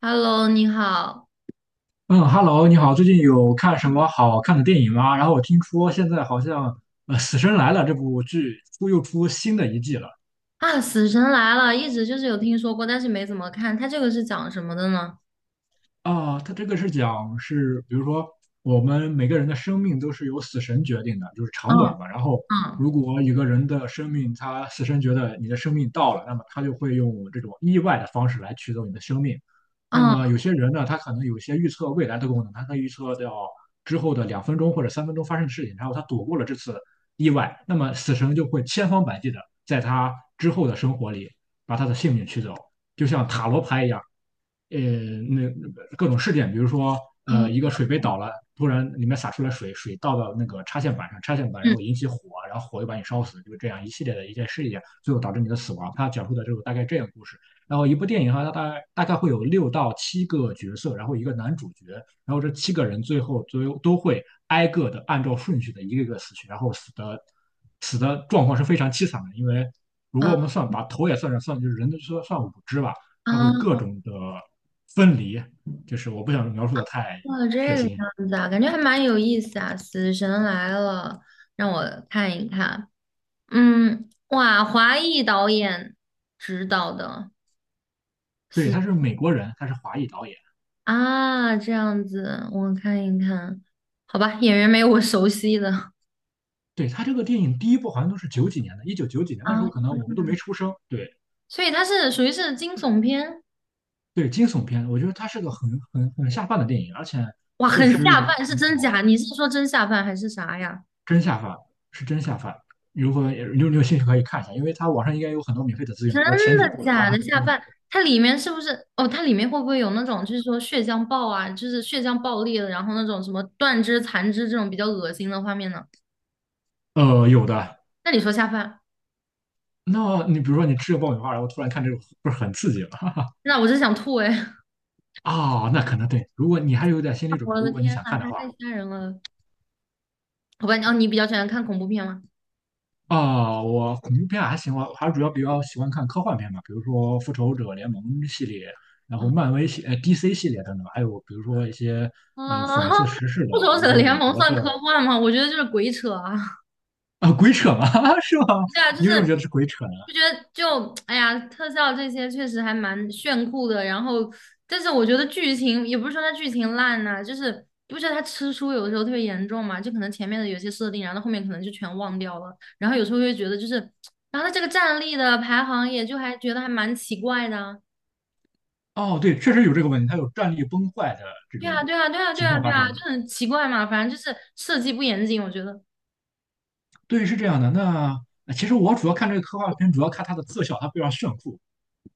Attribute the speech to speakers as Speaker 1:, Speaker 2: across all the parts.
Speaker 1: Hello,你好。
Speaker 2: 嗯，Hello，你好，最近有看什么好看的电影吗？然后我听说现在好像《死神来了》这部剧出又出新的一季了。
Speaker 1: 啊！死神来了，一直就是有听说过，但是没怎么看。它这个是讲什么的呢？
Speaker 2: 啊，他这个是讲是，比如说我们每个人的生命都是由死神决定的，就是
Speaker 1: 嗯。
Speaker 2: 长短嘛。然后，
Speaker 1: 嗯。
Speaker 2: 如果一个人的生命，他死神觉得你的生命到了，那么他就会用这种意外的方式来取走你的生命。那么
Speaker 1: 嗯。
Speaker 2: 有些人呢，他可能有一些预测未来的功能，他可以预测到之后的2分钟或者3分钟发生的事情，然后他躲过了这次意外，那么死神就会千方百计的在他之后的生活里把他的性命取走，就像塔罗牌一样。呃，那各种事件，比如说，一个
Speaker 1: 嗯。
Speaker 2: 水杯倒了，突然里面洒出来水，水倒到那个插线板上，插线板然后引起火，然后火又把你烧死，就是这样一系列的一件事件，最后导致你的死亡。他讲述的就是大概这样的故事。然后一部电影哈，它大概会有六到七个角色，然后一个男主角，然后这七个人最后都会挨个的按照顺序的一个一个死去，然后死的状况是非常凄惨的，因为如
Speaker 1: 嗯
Speaker 2: 果
Speaker 1: 啊。
Speaker 2: 我们算把头也算上，算就是人的算算五只吧。它会
Speaker 1: 啊！
Speaker 2: 各种的分离，就是我不想描述的太
Speaker 1: 哦，
Speaker 2: 血
Speaker 1: 这个
Speaker 2: 腥。
Speaker 1: 样子啊，感觉还蛮有意思啊！死神来了，让我看一看。嗯，哇，华裔导演指导的
Speaker 2: 对，
Speaker 1: 死。
Speaker 2: 他是美国人，他是华裔导演。
Speaker 1: 啊，这样子，我看一看。好吧，演员没有我熟悉的。
Speaker 2: 对，他这个电影第一部好像都是九几年的，一九九几年那时
Speaker 1: 啊，
Speaker 2: 候可能我们都没出生。对
Speaker 1: 所以它是属于是惊悚片。
Speaker 2: 对，惊悚片，我觉得他是个很下饭的电影，而且
Speaker 1: 哇，
Speaker 2: 确
Speaker 1: 很
Speaker 2: 实
Speaker 1: 下
Speaker 2: 也
Speaker 1: 饭，是
Speaker 2: 挺
Speaker 1: 真假？
Speaker 2: 好，
Speaker 1: 你是说真下饭还是啥呀？
Speaker 2: 真下饭，是真下饭。如果也你有兴趣可以看一下，因为它网上应该有很多免费的资源，
Speaker 1: 真
Speaker 2: 比如说前几
Speaker 1: 的
Speaker 2: 部的话，
Speaker 1: 假
Speaker 2: 它
Speaker 1: 的
Speaker 2: 可能
Speaker 1: 下
Speaker 2: 都免。
Speaker 1: 饭？它里面是不是？哦，它里面会不会有那种，就是说血浆爆啊，就是血浆爆裂了，然后那种什么断肢残肢这种比较恶心的画面呢？
Speaker 2: 有的。
Speaker 1: 那你说下饭，
Speaker 2: 那你比如说你吃个爆米花，然后突然看这个，不是很刺激吗？
Speaker 1: 那我真想吐哎！
Speaker 2: 哦，那可能对。如果你还有点心理 准备，
Speaker 1: 我的
Speaker 2: 如果你
Speaker 1: 天
Speaker 2: 想
Speaker 1: 呐，
Speaker 2: 看的话，
Speaker 1: 太吓人了！好吧，哦，你比较喜欢看恐怖片吗？
Speaker 2: 啊、我恐怖片还行，我还主要比较喜欢看科幻片嘛，比如说《复仇者联盟》系列，然后漫威系、DC 系列等等，还有比如说一些
Speaker 1: 啊，
Speaker 2: 讽刺 时事的，
Speaker 1: 复仇
Speaker 2: 比如
Speaker 1: 者
Speaker 2: 说
Speaker 1: 联
Speaker 2: 美
Speaker 1: 盟
Speaker 2: 国的
Speaker 1: 算科幻吗？我觉得就是鬼扯啊！
Speaker 2: 啊、鬼扯嘛，是吗？
Speaker 1: 对啊，就
Speaker 2: 你
Speaker 1: 是
Speaker 2: 为什么觉得是鬼扯呢？
Speaker 1: 就觉得 哎呀，特效这些确实还蛮炫酷的。然后，但是我觉得剧情也不是说它剧情烂呐、就是你不觉得它吃书有的时候特别严重嘛？就可能前面的有些设定，然后后面可能就全忘掉了。然后有时候会觉得就是，然后它这个战力的排行也就还觉得还蛮奇怪的啊。
Speaker 2: 哦，对，确实有这个问题，它有战力崩坏的这
Speaker 1: 对啊，
Speaker 2: 种
Speaker 1: 对啊，对啊，对
Speaker 2: 情
Speaker 1: 啊，
Speaker 2: 况
Speaker 1: 对
Speaker 2: 发
Speaker 1: 啊，就
Speaker 2: 生。
Speaker 1: 很奇怪嘛。反正就是设计不严谨，我觉得
Speaker 2: 对，是这样的。那其实我主要看这个科幻片，主要看它的特效，它非常炫酷。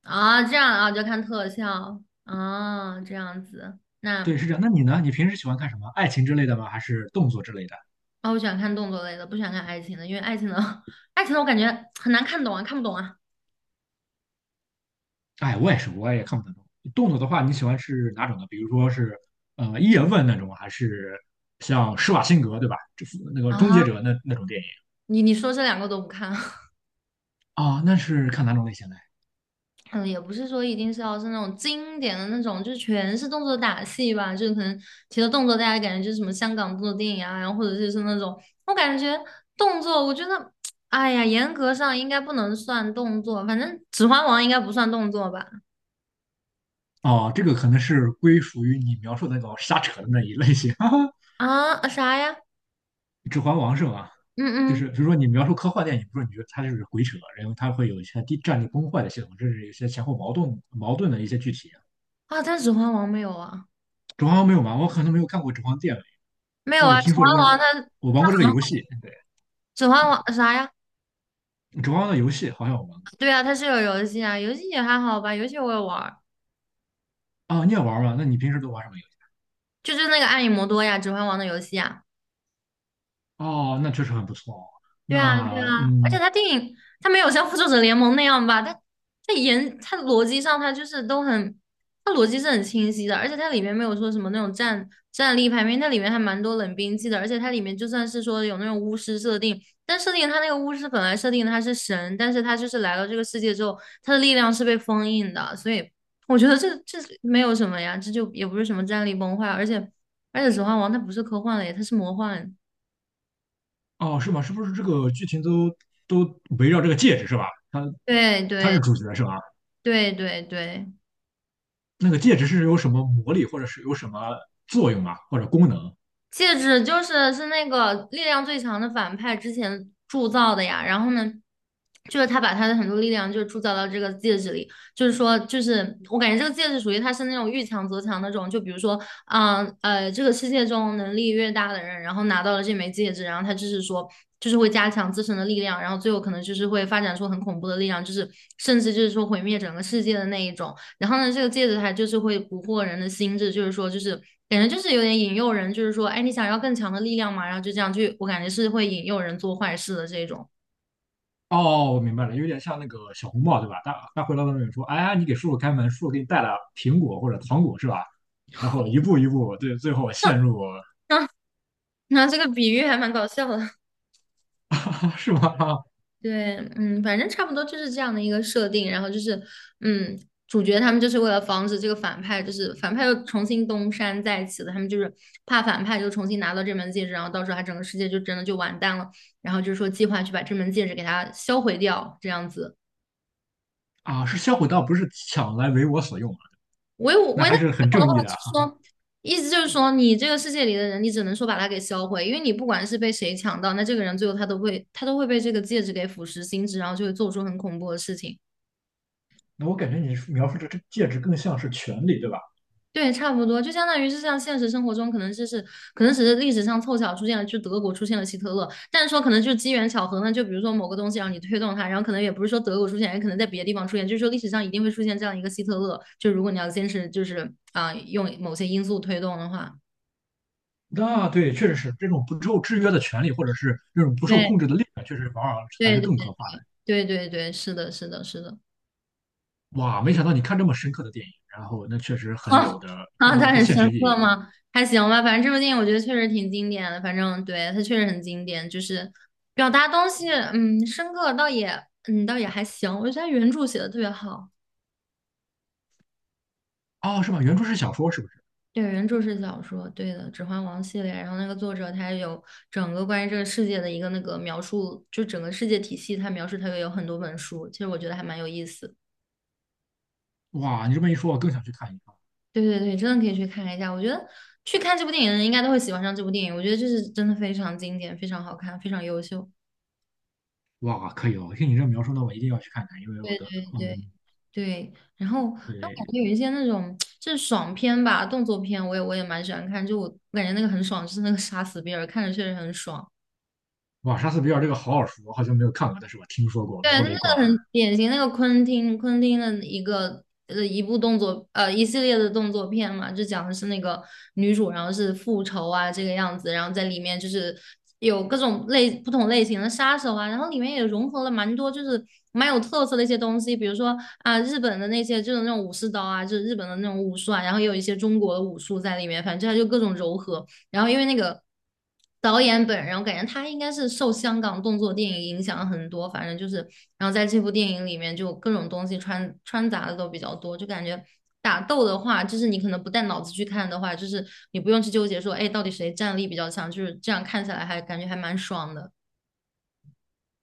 Speaker 1: 啊，这样啊，就看特效啊，这样子
Speaker 2: 对，
Speaker 1: 那。
Speaker 2: 是这样。那你呢？你平时喜欢看什么？爱情之类的吗？还是动作之类的？
Speaker 1: 啊，我喜欢看动作类的，不喜欢看爱情的，因为爱情的 爱情的我感觉很难看懂啊，看不懂啊。
Speaker 2: 哎，我也是，我也看不太懂。动作的话，你喜欢是哪种的？比如说是叶问那种，还是像施瓦辛格对吧？那个终
Speaker 1: 啊，
Speaker 2: 结者那种电影
Speaker 1: 你说这两个都不看，
Speaker 2: 啊？那是看哪种类型的？
Speaker 1: 嗯，也不是说一定是要是那种经典的那种，就是全是动作打戏吧，就是可能提到动作，大家感觉就是什么香港动作电影啊，然后或者就是那种，我感觉动作，我觉得，哎呀，严格上应该不能算动作，反正《指环王》应该不算动作吧？
Speaker 2: 哦，这个可能是归属于你描述的那种瞎扯的那一类型，哈哈。
Speaker 1: 啊，啊啥呀？
Speaker 2: 指环王是吗？就
Speaker 1: 嗯
Speaker 2: 是
Speaker 1: 嗯，
Speaker 2: 比如说你描述科幻电影，不是你觉得它就是鬼扯，然后它会有一些地战力崩坏的系统，甚至有些前后矛盾的一些具体。
Speaker 1: 啊，但《指环王》没有啊，
Speaker 2: 《指环王》没有玩，我可能没有看过《指环王》电影，
Speaker 1: 没有
Speaker 2: 但我
Speaker 1: 啊，《指
Speaker 2: 听说这个，
Speaker 1: 环王》它
Speaker 2: 我玩过
Speaker 1: 它
Speaker 2: 这个
Speaker 1: 很好，
Speaker 2: 游戏。对，
Speaker 1: 《指环王》啥呀？
Speaker 2: 《指环王》的游戏好像我玩过
Speaker 1: 对啊，它是有游戏啊，游戏也还好吧，游戏我也玩儿，
Speaker 2: 啊，你也玩吗？那你平时都玩什么游戏？
Speaker 1: 就是那个《暗影魔多》呀，《指环王》的游戏啊。
Speaker 2: 哦，那确实很不错哦。
Speaker 1: 对啊，对
Speaker 2: 那
Speaker 1: 啊，而且
Speaker 2: 嗯，
Speaker 1: 他电影他没有像《复仇者联盟》那样吧，他演他逻辑上他就是都很，他逻辑是很清晰的，而且它里面没有说什么那种战力排名，它里面还蛮多冷兵器的，而且它里面就算是说有那种巫师设定，但设定他那个巫师本来设定他是神，但是他就是来到这个世界之后，他的力量是被封印的，所以我觉得这没有什么呀，这就也不是什么战力崩坏，而且《指环王》它不是科幻类，它是魔幻，
Speaker 2: 哦，是吗？是不是这个剧情都围绕这个戒指是吧？它
Speaker 1: 对
Speaker 2: 它是
Speaker 1: 对
Speaker 2: 主角是吧？
Speaker 1: 对对对。
Speaker 2: 那个戒指是有什么魔力，或者是有什么作用啊，或者功能？
Speaker 1: 戒指就是是那个力量最强的反派之前铸造的呀，然后呢，就是他把他的很多力量就铸造到这个戒指里，就是说，就是我感觉这个戒指属于他是那种遇强则强那种，就比如说，这个世界中能力越大的人，然后拿到了这枚戒指，然后他就是说，就是会加强自身的力量，然后最后可能就是会发展出很恐怖的力量，就是甚至就是说毁灭整个世界的那一种。然后呢，这个戒指它就是会蛊惑人的心智，就是说，就是感觉就是有点引诱人，就是说，哎，你想要更强的力量嘛，然后就这样去，我感觉是会引诱人做坏事的这种。
Speaker 2: 哦，我明白了，有点像那个小红帽，对吧？他回到那里说："哎呀，你给叔叔开门，叔叔给你带了苹果或者糖果，是吧？"然后一步一步，对，最后陷入啊
Speaker 1: 那、啊 那这个比喻还蛮搞笑的，
Speaker 2: 是吗？啊
Speaker 1: 对，嗯，反正差不多就是这样的一个设定。然后就是，嗯，主角他们就是为了防止这个反派，就是反派又重新东山再起了，他们就是怕反派就重新拿到这门戒指，然后到时候他整个世界就真的就完蛋了。然后就是说计划去把这门戒指给它销毁掉，这样子。
Speaker 2: 啊，是销毁盗，不是抢来为我所用啊，
Speaker 1: 唯我
Speaker 2: 那
Speaker 1: 唯
Speaker 2: 还
Speaker 1: 他
Speaker 2: 是很
Speaker 1: 不用的
Speaker 2: 正
Speaker 1: 话，
Speaker 2: 义的
Speaker 1: 就
Speaker 2: 啊。
Speaker 1: 是说，意思就是说，你这个世界里的人，你只能说把他给销毁，因为你不管是被谁抢到，那这个人最后他都会被这个戒指给腐蚀心智，然后就会做出很恐怖的事情。
Speaker 2: 那我感觉你描述的这戒指更像是权利，对吧？
Speaker 1: 对，差不多，就相当于是像现实生活中，可能只是历史上凑巧出现了，就德国出现了希特勒，但是说可能就是机缘巧合呢，就比如说某个东西让你推动它，然后可能也不是说德国出现，也可能在别的地方出现，就是说历史上一定会出现这样一个希特勒，就如果你要坚持就是啊、用某些因素推动的话，
Speaker 2: 那对，确实是这种不受制约的权利，或者是这种不受
Speaker 1: 对。
Speaker 2: 控制的力量，确实往往还
Speaker 1: 对
Speaker 2: 是更可怕
Speaker 1: 对对对，是的，是的，是的。
Speaker 2: 的。哇，没想到你看这么深刻的电影，然后那确实 很
Speaker 1: 啊。
Speaker 2: 有的，
Speaker 1: 啊，
Speaker 2: 很有
Speaker 1: 它
Speaker 2: 很
Speaker 1: 很
Speaker 2: 现
Speaker 1: 深
Speaker 2: 实意
Speaker 1: 刻
Speaker 2: 义。
Speaker 1: 吗？还行吧，反正这部电影我觉得确实挺经典的。反正对它确实很经典，就是表达东西，嗯，深刻倒也，嗯，倒也还行。我觉得它原著写的特别好。
Speaker 2: 哦，是吧？原著是小说，是不是？
Speaker 1: 对，原著是小说，对的，《指环王》系列。然后那个作者他有整个关于这个世界的一个那个描述，就整个世界体系，他描述他也有很多本书。其实我觉得还蛮有意思的。
Speaker 2: 哇，你这么一说，我更想去看一看。
Speaker 1: 对对对，真的可以去看一下。我觉得去看这部电影的人应该都会喜欢上这部电影。我觉得这是真的非常经典，非常好看，非常优秀。
Speaker 2: 哇，可以哦！听你这描述，那我一定要去看看，因为我的，
Speaker 1: 对对，
Speaker 2: 嗯，
Speaker 1: 对，然后那我感
Speaker 2: 对，
Speaker 1: 觉有一些那种就是爽片吧，动作片，我也蛮喜欢看。就我感觉那个很爽，就是那个杀死比尔，看着确实很爽。
Speaker 2: 哇，莎士比亚这个好耳熟，我好像没有看过，但是我听说过
Speaker 1: 对，它
Speaker 2: 《无
Speaker 1: 是个
Speaker 2: 雷贯耳》。
Speaker 1: 很典型，那个昆汀的一个一部动作一系列的动作片嘛，就讲的是那个女主，然后是复仇啊这个样子，然后在里面就是有各种类不同类型的杀手啊，然后里面也融合了蛮多就是蛮有特色的一些东西，比如说啊日本的那些就是那种武士刀啊，就是日本的那种武术啊，然后也有一些中国的武术在里面，反正它就各种柔合。然后因为那个导演本人，我感觉他应该是受香港动作电影影响很多，反正就是，然后在这部电影里面就各种东西穿杂的都比较多，就感觉打斗的话，就是你可能不带脑子去看的话，就是你不用去纠结说，哎，到底谁战力比较强，就是这样看起来还感觉还蛮爽的。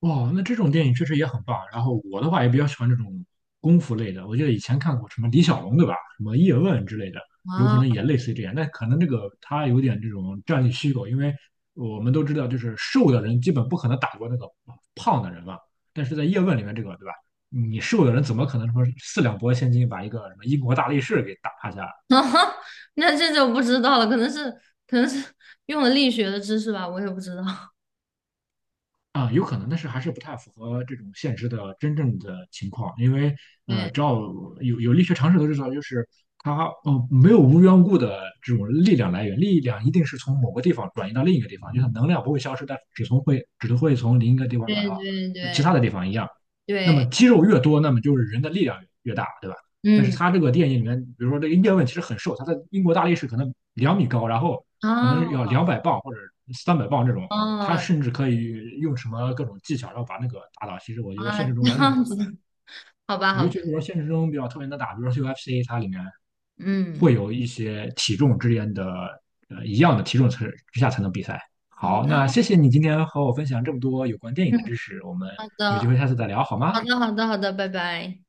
Speaker 2: 哇，那这种电影确实也很棒。然后我的话也比较喜欢这种功夫类的，我记得以前看过什么李小龙，对吧？什么叶问之类的，有可
Speaker 1: 啊，
Speaker 2: 能也类似于这样。但可能这个他有点这种战略虚构，因为我们都知道，就是瘦的人基本不可能打过那个胖的人嘛。但是在叶问里面，这个对吧？你瘦的人怎么可能说四两拨千斤把一个什么英国大力士给打趴下？
Speaker 1: 那这就不知道了，可能是用了力学的知识吧，我也不知道。
Speaker 2: 啊，有可能，但是还是不太符合这种现实的真正的情况，因为只
Speaker 1: 对
Speaker 2: 要有力学常识都知道，就是它没有无缘无故的这种力量来源，力量一定是从某个地方转移到另一个地方，就像能量不会消失，但只会从另一个地方
Speaker 1: 对
Speaker 2: 转到
Speaker 1: 对
Speaker 2: 其
Speaker 1: 对
Speaker 2: 他的地方一样。那么
Speaker 1: 对，
Speaker 2: 肌肉越多，那么就是人的力量越大，对吧？但
Speaker 1: 嗯，
Speaker 2: 是它这个电影里面，比如说这个叶问其实很瘦，他在英国大力士可能2米高，然后可能要
Speaker 1: 啊。
Speaker 2: 200磅或者300磅这种。
Speaker 1: 哦，
Speaker 2: 他
Speaker 1: 哦
Speaker 2: 甚至可以用什么各种技巧，然后把那个打倒。其实我觉得
Speaker 1: 啊，
Speaker 2: 现实中
Speaker 1: 这
Speaker 2: 完全是不
Speaker 1: 样
Speaker 2: 可
Speaker 1: 子，
Speaker 2: 能的，
Speaker 1: 好吧，好
Speaker 2: 尤
Speaker 1: 吧。
Speaker 2: 其是说现实中比较特别能打，比如说 UFC，它里面会
Speaker 1: 嗯，
Speaker 2: 有一些体重之间的一样的体重之下才能比赛。
Speaker 1: 好的，
Speaker 2: 好，那谢谢你今天和我分享这么多有关电影的知识，我们有机会
Speaker 1: 好
Speaker 2: 下次再聊好吗？
Speaker 1: 的，好的，好的，好的，拜拜。